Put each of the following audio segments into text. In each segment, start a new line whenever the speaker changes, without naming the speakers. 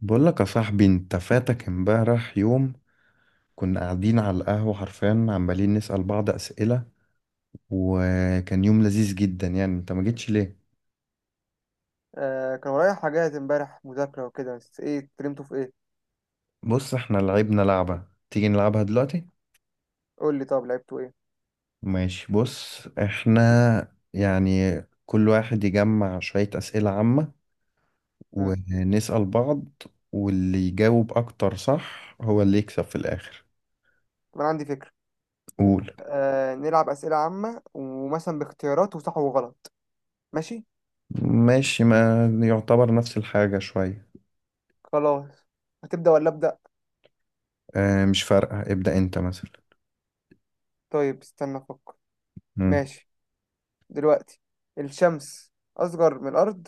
بقول لك يا صاحبي، انت فاتك امبارح يوم كنا قاعدين على القهوة، حرفيا عمالين نسأل بعض أسئلة، وكان يوم لذيذ جدا. يعني انت ما جيتش ليه؟
آه كان ورايا حاجات امبارح، مذاكرة وكده. بس ايه، اتكلمتوا في ايه؟
بص احنا لعبنا لعبة، تيجي نلعبها دلوقتي.
قول لي طب لعبتوا ايه.
ماشي، بص احنا يعني كل واحد يجمع شوية أسئلة عامة
مم.
ونسأل بعض. واللي يجاوب أكتر صح هو اللي يكسب في الآخر.
طب انا عندي فكرة.
قول.
آه، نلعب أسئلة عامة ومثلا باختيارات وصح وغلط. ماشي.
ماشي، ما يعتبر نفس الحاجة شوية.
خلاص، هتبدأ ولا أبدأ؟
اه مش فارقة، ابدأ انت مثلا.
طيب استنى أفكر. ماشي. دلوقتي، الشمس أصغر من الأرض.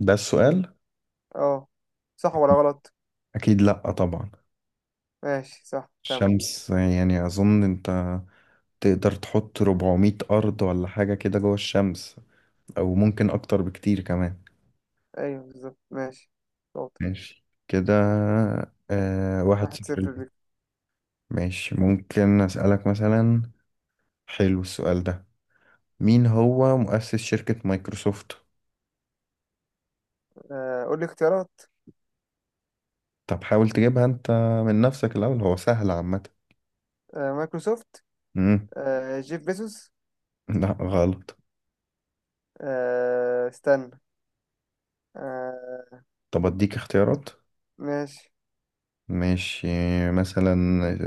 ده السؤال؟
اه. صح ولا غلط؟
اكيد لا طبعا.
ماشي صح، كمل.
الشمس يعني اظن انت تقدر تحط 400 ارض ولا حاجة كده جوه الشمس، او ممكن اكتر بكتير كمان.
أيوه بالظبط، ماشي. شاطر.
ماشي كده. واحد
واحد
صفر
صفر ليك.
ليه. ماشي، ممكن اسألك مثلا. حلو السؤال ده. مين هو مؤسس شركة مايكروسوفت؟
قول لي اختيارات.
طب حاول تجيبها انت من نفسك الاول، هو سهل عامة.
مايكروسوفت.
مم.
جيف بيزوس.
لا غلط.
استنى. آه.
طب اديك اختيارات.
ماشي.
ماشي. مثلا.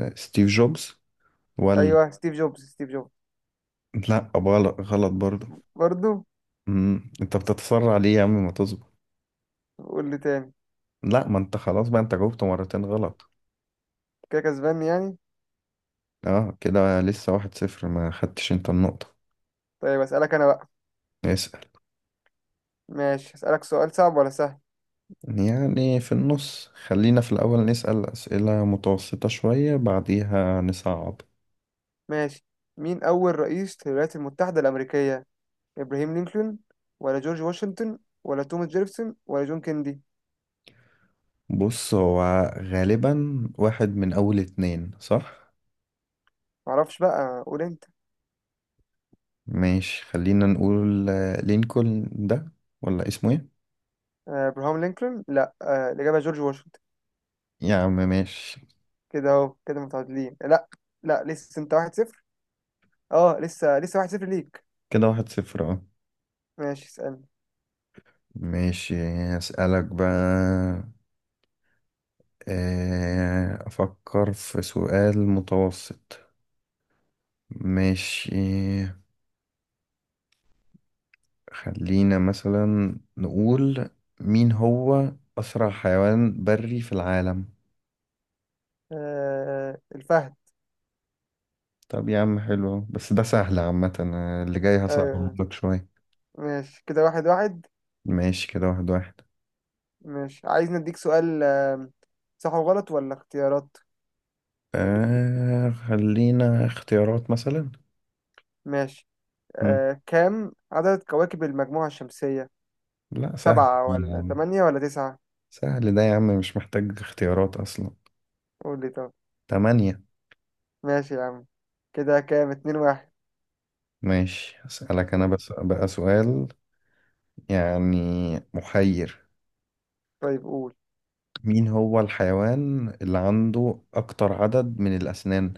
ستيف جوبز، ولا.
ايوه، ستيف جوبز، ستيف جوبز.
لا، غلط غلط برضه.
برضو.
انت بتتسرع ليه يا عم، ما تصبر.
قول لي تاني.
لا، ما انت خلاص بقى، انت جاوبت مرتين غلط.
كده كسبان يعني؟
اه كده لسه 1-0، ما خدتش انت النقطة.
طيب اسالك انا بقى.
اسأل.
ماشي، اسالك سؤال صعب ولا سهل؟
يعني في النص، خلينا في الأول نسأل أسئلة متوسطة شوية بعديها نصعب.
ماشي. مين اول رئيس للولايات المتحده الامريكيه؟ ابراهيم لينكولن، ولا جورج واشنطن، ولا توماس جيفرسون، ولا جون كيندي؟
بص، هو غالبا واحد من أول اتنين، صح؟
معرفش بقى، قول انت.
ماشي خلينا نقول لينكولن ده، ولا اسمه ايه؟
آه، ابراهام لينكولن. لا، آه، الاجابه جورج واشنطن.
يا عم ماشي.
كده اهو، كده متعادلين. لا، لا، لسه انت واحد صفر. اه لسه، واحد صفر ليك.
كده 1-0، اه.
ماشي اسالني.
ماشي هسألك بقى. أفكر في سؤال متوسط. ماشي، خلينا مثلا نقول مين هو أسرع حيوان بري في العالم؟
آه، الفهد.
طب يا عم حلو أهو، بس ده سهل عامة، أنا اللي جاي هصعبه
آه،
لك شوية.
ماشي كده واحد واحد.
ماشي كده، 1-1.
ماشي، عايز نديك سؤال. صح وغلط ولا اختيارات؟
خلينا اختيارات مثلا.
ماشي.
مم.
كام عدد كواكب المجموعة الشمسية؟
لا، سهل
سبعة،
يا
ولا
عم.
تمانية، ولا تسعة؟
سهل ده يا عم، مش محتاج اختيارات أصلا.
قول لي طب.
تمانية.
ماشي يا عم. كده كام، اتنين واحد.
ماشي، أسألك أنا
ماشي.
بس بقى سؤال، يعني محير.
طيب قول.
مين هو الحيوان اللي عنده أكتر عدد من الأسنان؟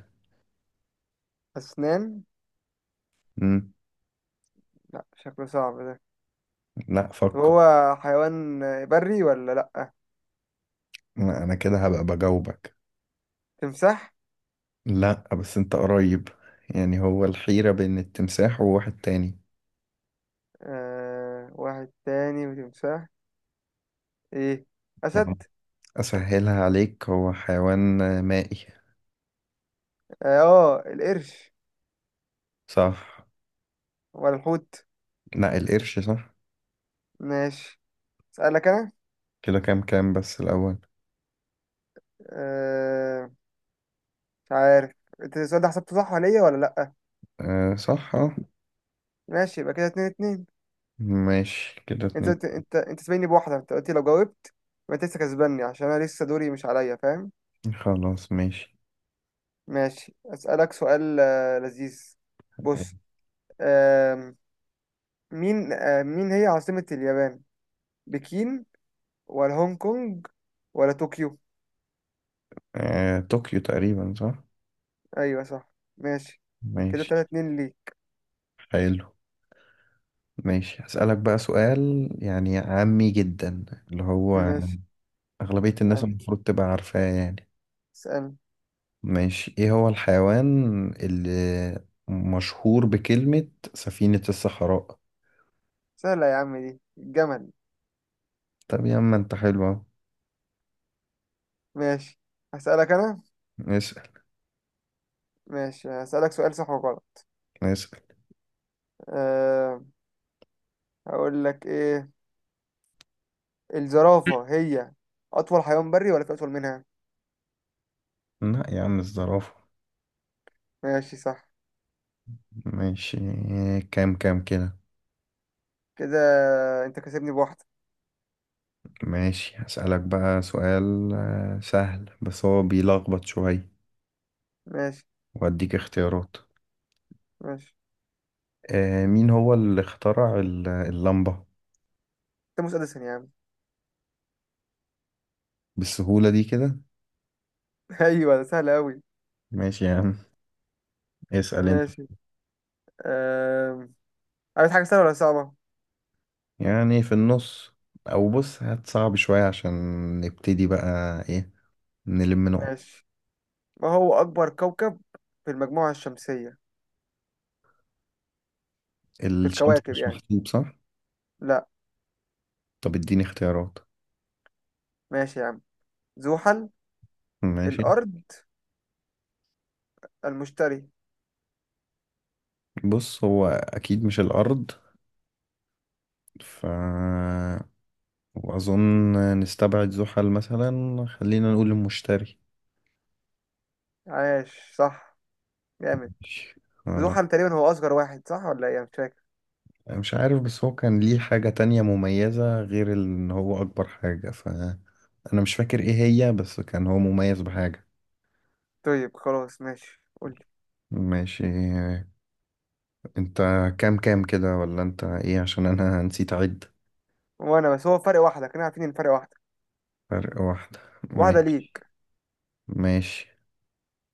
أسنان؟
مم.
لا شكله صعب ده.
لا،
طب
فكر.
هو حيوان بري ولا لأ؟
لا، أنا كده هبقى بجاوبك.
تمساح.
لا بس أنت قريب. يعني هو الحيرة بين التمساح وواحد تاني.
آه، واحد تاني وتمساح. ايه،
يعني
أسد.
أسهلها عليك، هو حيوان مائي.
اه، آه، القرش.
صح.
ولا الحوت؟
لا، القرش صح.
ماشي، أسألك أنا.
كده كام بس الأول.
آه، مش عارف. انت السؤال ده حسبته صح عليا ولا لأ؟
أه صح اه.
ماشي، يبقى كده اتنين اتنين.
ماشي كده
انت
اتنين.
انت انت, انت سابقني بواحدة، انت قلت لو جاوبت يبقى انت لسه كسباني، عشان انا لسه دوري مش عليا، فاهم؟
خلاص ماشي.
ماشي، اسألك سؤال لذيذ. بص. آم، مين، مين هي عاصمة اليابان؟ بكين، ولا هونج كونج، ولا طوكيو؟
طوكيو تقريبا صح.
ايوه صح، ماشي. كده تلاتة
ماشي.
اتنين ليك.
حلو. ماشي، هسألك بقى سؤال يعني عامي جدا، اللي هو
ماشي.
أغلبية الناس
اسألني،
المفروض تبقى عارفاه يعني.
اسألني.
ماشي، ايه هو الحيوان اللي مشهور بكلمة سفينة الصحراء؟
سهلة يا عم دي، الجمل.
طب يا عم انت حلو اهو.
ماشي، هسألك انا.
اسأل.
ماشي، هسألك سؤال صح وغلط.
اسأل.
أه. هقول لك ايه، الزرافة هي أطول حيوان بري، ولا في أطول منها؟
لا يا عم، الزرافة.
ماشي صح.
ماشي. كام كده.
كده أنت كسبني بواحدة.
ماشي هسألك بقى سؤال سهل بس هو بيلخبط شوية،
ماشي.
وأديك اختيارات.
ماشي،
مين هو اللي اخترع اللمبة؟
توماس أديسون يا عم.
بالسهولة دي كده؟
أيوة ده سهل أوي.
ماشي يا عم. اسأل انت.
ماشي. أه، عايز حاجة سهلة ولا صعبة؟
يعني في النص. او بص، هات صعب شوية عشان نبتدي بقى ايه، نلم نقط.
ماشي. ما هو أكبر كوكب في المجموعة الشمسية؟ في
الشمس
الكواكب
مش
يعني،
محسوب صح؟
لا.
طب اديني اختيارات.
ماشي يا عم. زحل،
ماشي.
الأرض، المشتري.
بص، هو اكيد مش الارض، ف واظن نستبعد زحل مثلا، خلينا نقول المشتري.
عاش صح. جامد.
ماشي. خلاص.
زحل تقريبا هو أصغر واحد، صح ولا إيه؟ أنا مش فاكر.
مش عارف، بس هو كان ليه حاجة تانية مميزة غير ان هو اكبر حاجة، فانا مش فاكر ايه هي، بس كان هو مميز بحاجة.
طيب خلاص، ماشي، قول لي.
ماشي. انت كام كده ولا انت ايه، عشان انا نسيت اعد.
وانا بس هو فرق واحدة، كنا عارفين ان فرق واحدة.
فرق واحدة.
واحدة
ماشي.
ليك.
ماشي.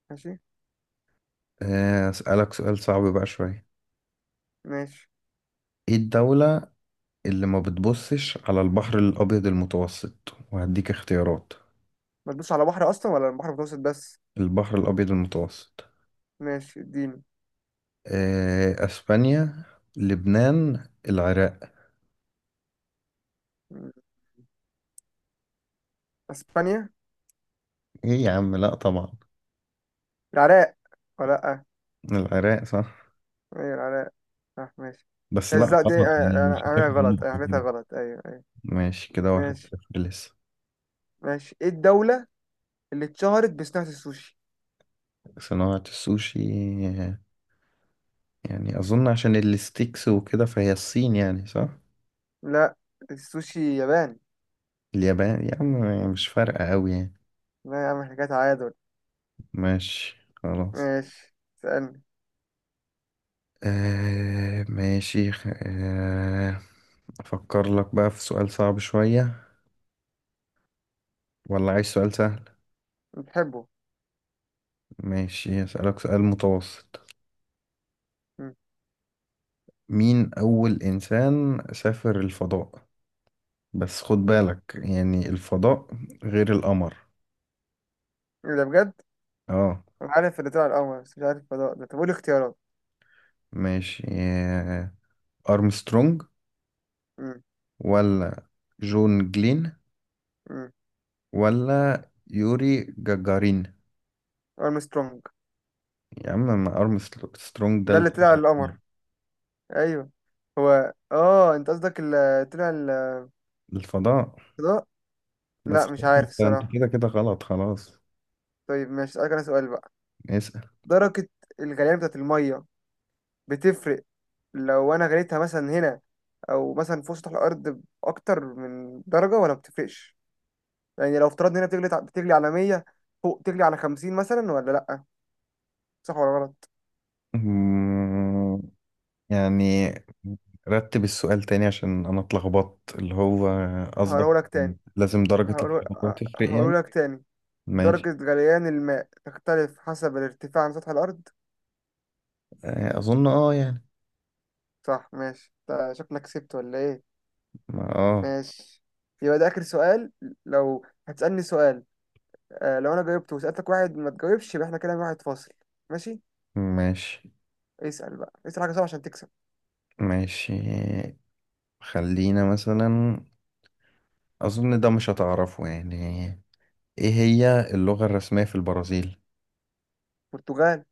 ماشي.
اسألك سؤال صعب بقى شوية.
ماشي،
ايه الدولة اللي ما بتبصش على البحر الابيض المتوسط، وهديك اختيارات.
ما تدوس على بحر اصلا، ولا البحر المتوسط بس؟
البحر الابيض المتوسط.
ماشي اديني.
اسبانيا، لبنان، العراق.
م. اسبانيا.
ايه يا عم، لا طبعا.
العراق، ولا لا.
العراق صح.
ايوه العراق، صح. ماشي،
بس لا،
بس دي،
غلط يعني
انا
مش
عاملها
هتاخد
غلط، انا
النقطة
عملتها
كده.
غلط، ايوه ايوه.
ماشي، كده واحد
ماشي.
صفر لسه.
ماشي، ايه الدولة اللي اتشهرت بصناعة السوشي؟
صناعة السوشي؟ يعني أظن عشان الستيكس وكده، فهي الصين يعني، صح؟
لا، السوشي ياباني.
اليابان يا عم، مش فارقة أوي يعني.
لا يا عم، احنا كده تعادل.
ماشي خلاص.
ماشي، سألني.
ماشي أفكر لك بقى في سؤال صعب شوية، ولا عايز سؤال سهل؟
بتحبه.
ماشي، أسألك سؤال متوسط.
م.
مين أول إنسان سافر الفضاء؟ بس خد بالك يعني الفضاء غير القمر.
ايه ده بجد؟
اه.
انا عارف اللي طلع القمر بس مش عارف الفضاء ده. طب قول اختيارات.
ماشي. أرمسترونج،
امم.
ولا جون جلين،
امم.
ولا يوري جاجارين؟
ارمسترونج
يا عم، ما أرمسترونج ده
ده
اللي
اللي طلع
طلع
القمر؟ ايوه. هو اه، انت قصدك اللي طلع الفضاء.
للفضاء. بس
لا مش
خلاص،
عارف
انت
الصراحه.
كده كده غلط خلاص.
طيب ماشي، اسالك انا سؤال بقى.
اسأل.
درجه الغليان بتاعت الميه بتفرق؟ لو انا غليتها مثلا هنا، او مثلا في سطح الارض، اكتر من درجه ولا بتفرقش؟ يعني لو افترضنا هنا بتغلي على 100، فوق تغلي على 50 مثلا ولا لا. صح ولا غلط؟
مم. يعني رتب السؤال تاني عشان انا اتلخبطت، اللي هو قصدك
هقوله لك تاني.
لازم درجة
هقوله،
الحرارة تفرق
هقوله
يعني؟
لك تاني.
ماشي.
درجة غليان الماء تختلف حسب الارتفاع عن سطح الأرض.
اظن اه يعني.
صح ماشي. شكلك كسبت ولا إيه؟
اه.
ماشي. يبقى ده آخر سؤال. لو هتسألني سؤال، آه، لو أنا جاوبته وسألتك واحد ما تجاوبش، يبقى إحنا كده واحد فاصل. ماشي.
ماشي.
اسأل بقى، اسأل حاجة صعبة عشان تكسب.
ماشي. خلينا مثلا، اظن ده مش هتعرفه يعني. ايه هي اللغة الرسمية في البرازيل؟
برتغال.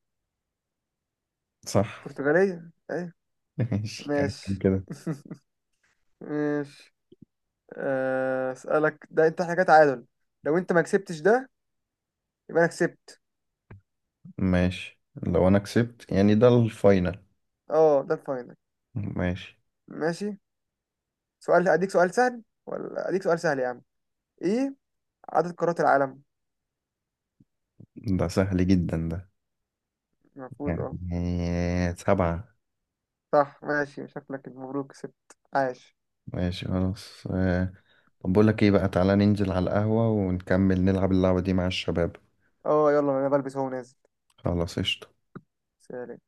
صح.
برتغالية، أيوة.
ماشي، كان
ماشي
كده.
ماشي. آه، أسألك ده أنت، حاجة تعادل، لو أنت ما كسبتش ده يبقى أنا كسبت.
ماشي. لو انا كسبت يعني ده الفاينل؟
أه ده الفاينل.
ماشي.
ماشي. سؤال، أديك سؤال سهل ولا أديك سؤال سهل يا عم. إيه عدد قارات العالم؟
ده سهل جدا ده.
المفروض
يعني
اه.
سبعة.
صح ماشي، شكلك مبروك كسبت. عاش.
ماشي خلاص. طب بقول لك ايه بقى، تعالى ننزل على القهوة ونكمل نلعب اللعبة دي مع الشباب.
اه يلا، انا بلبس اهو نازل.
خلاص قشطة.
سلام.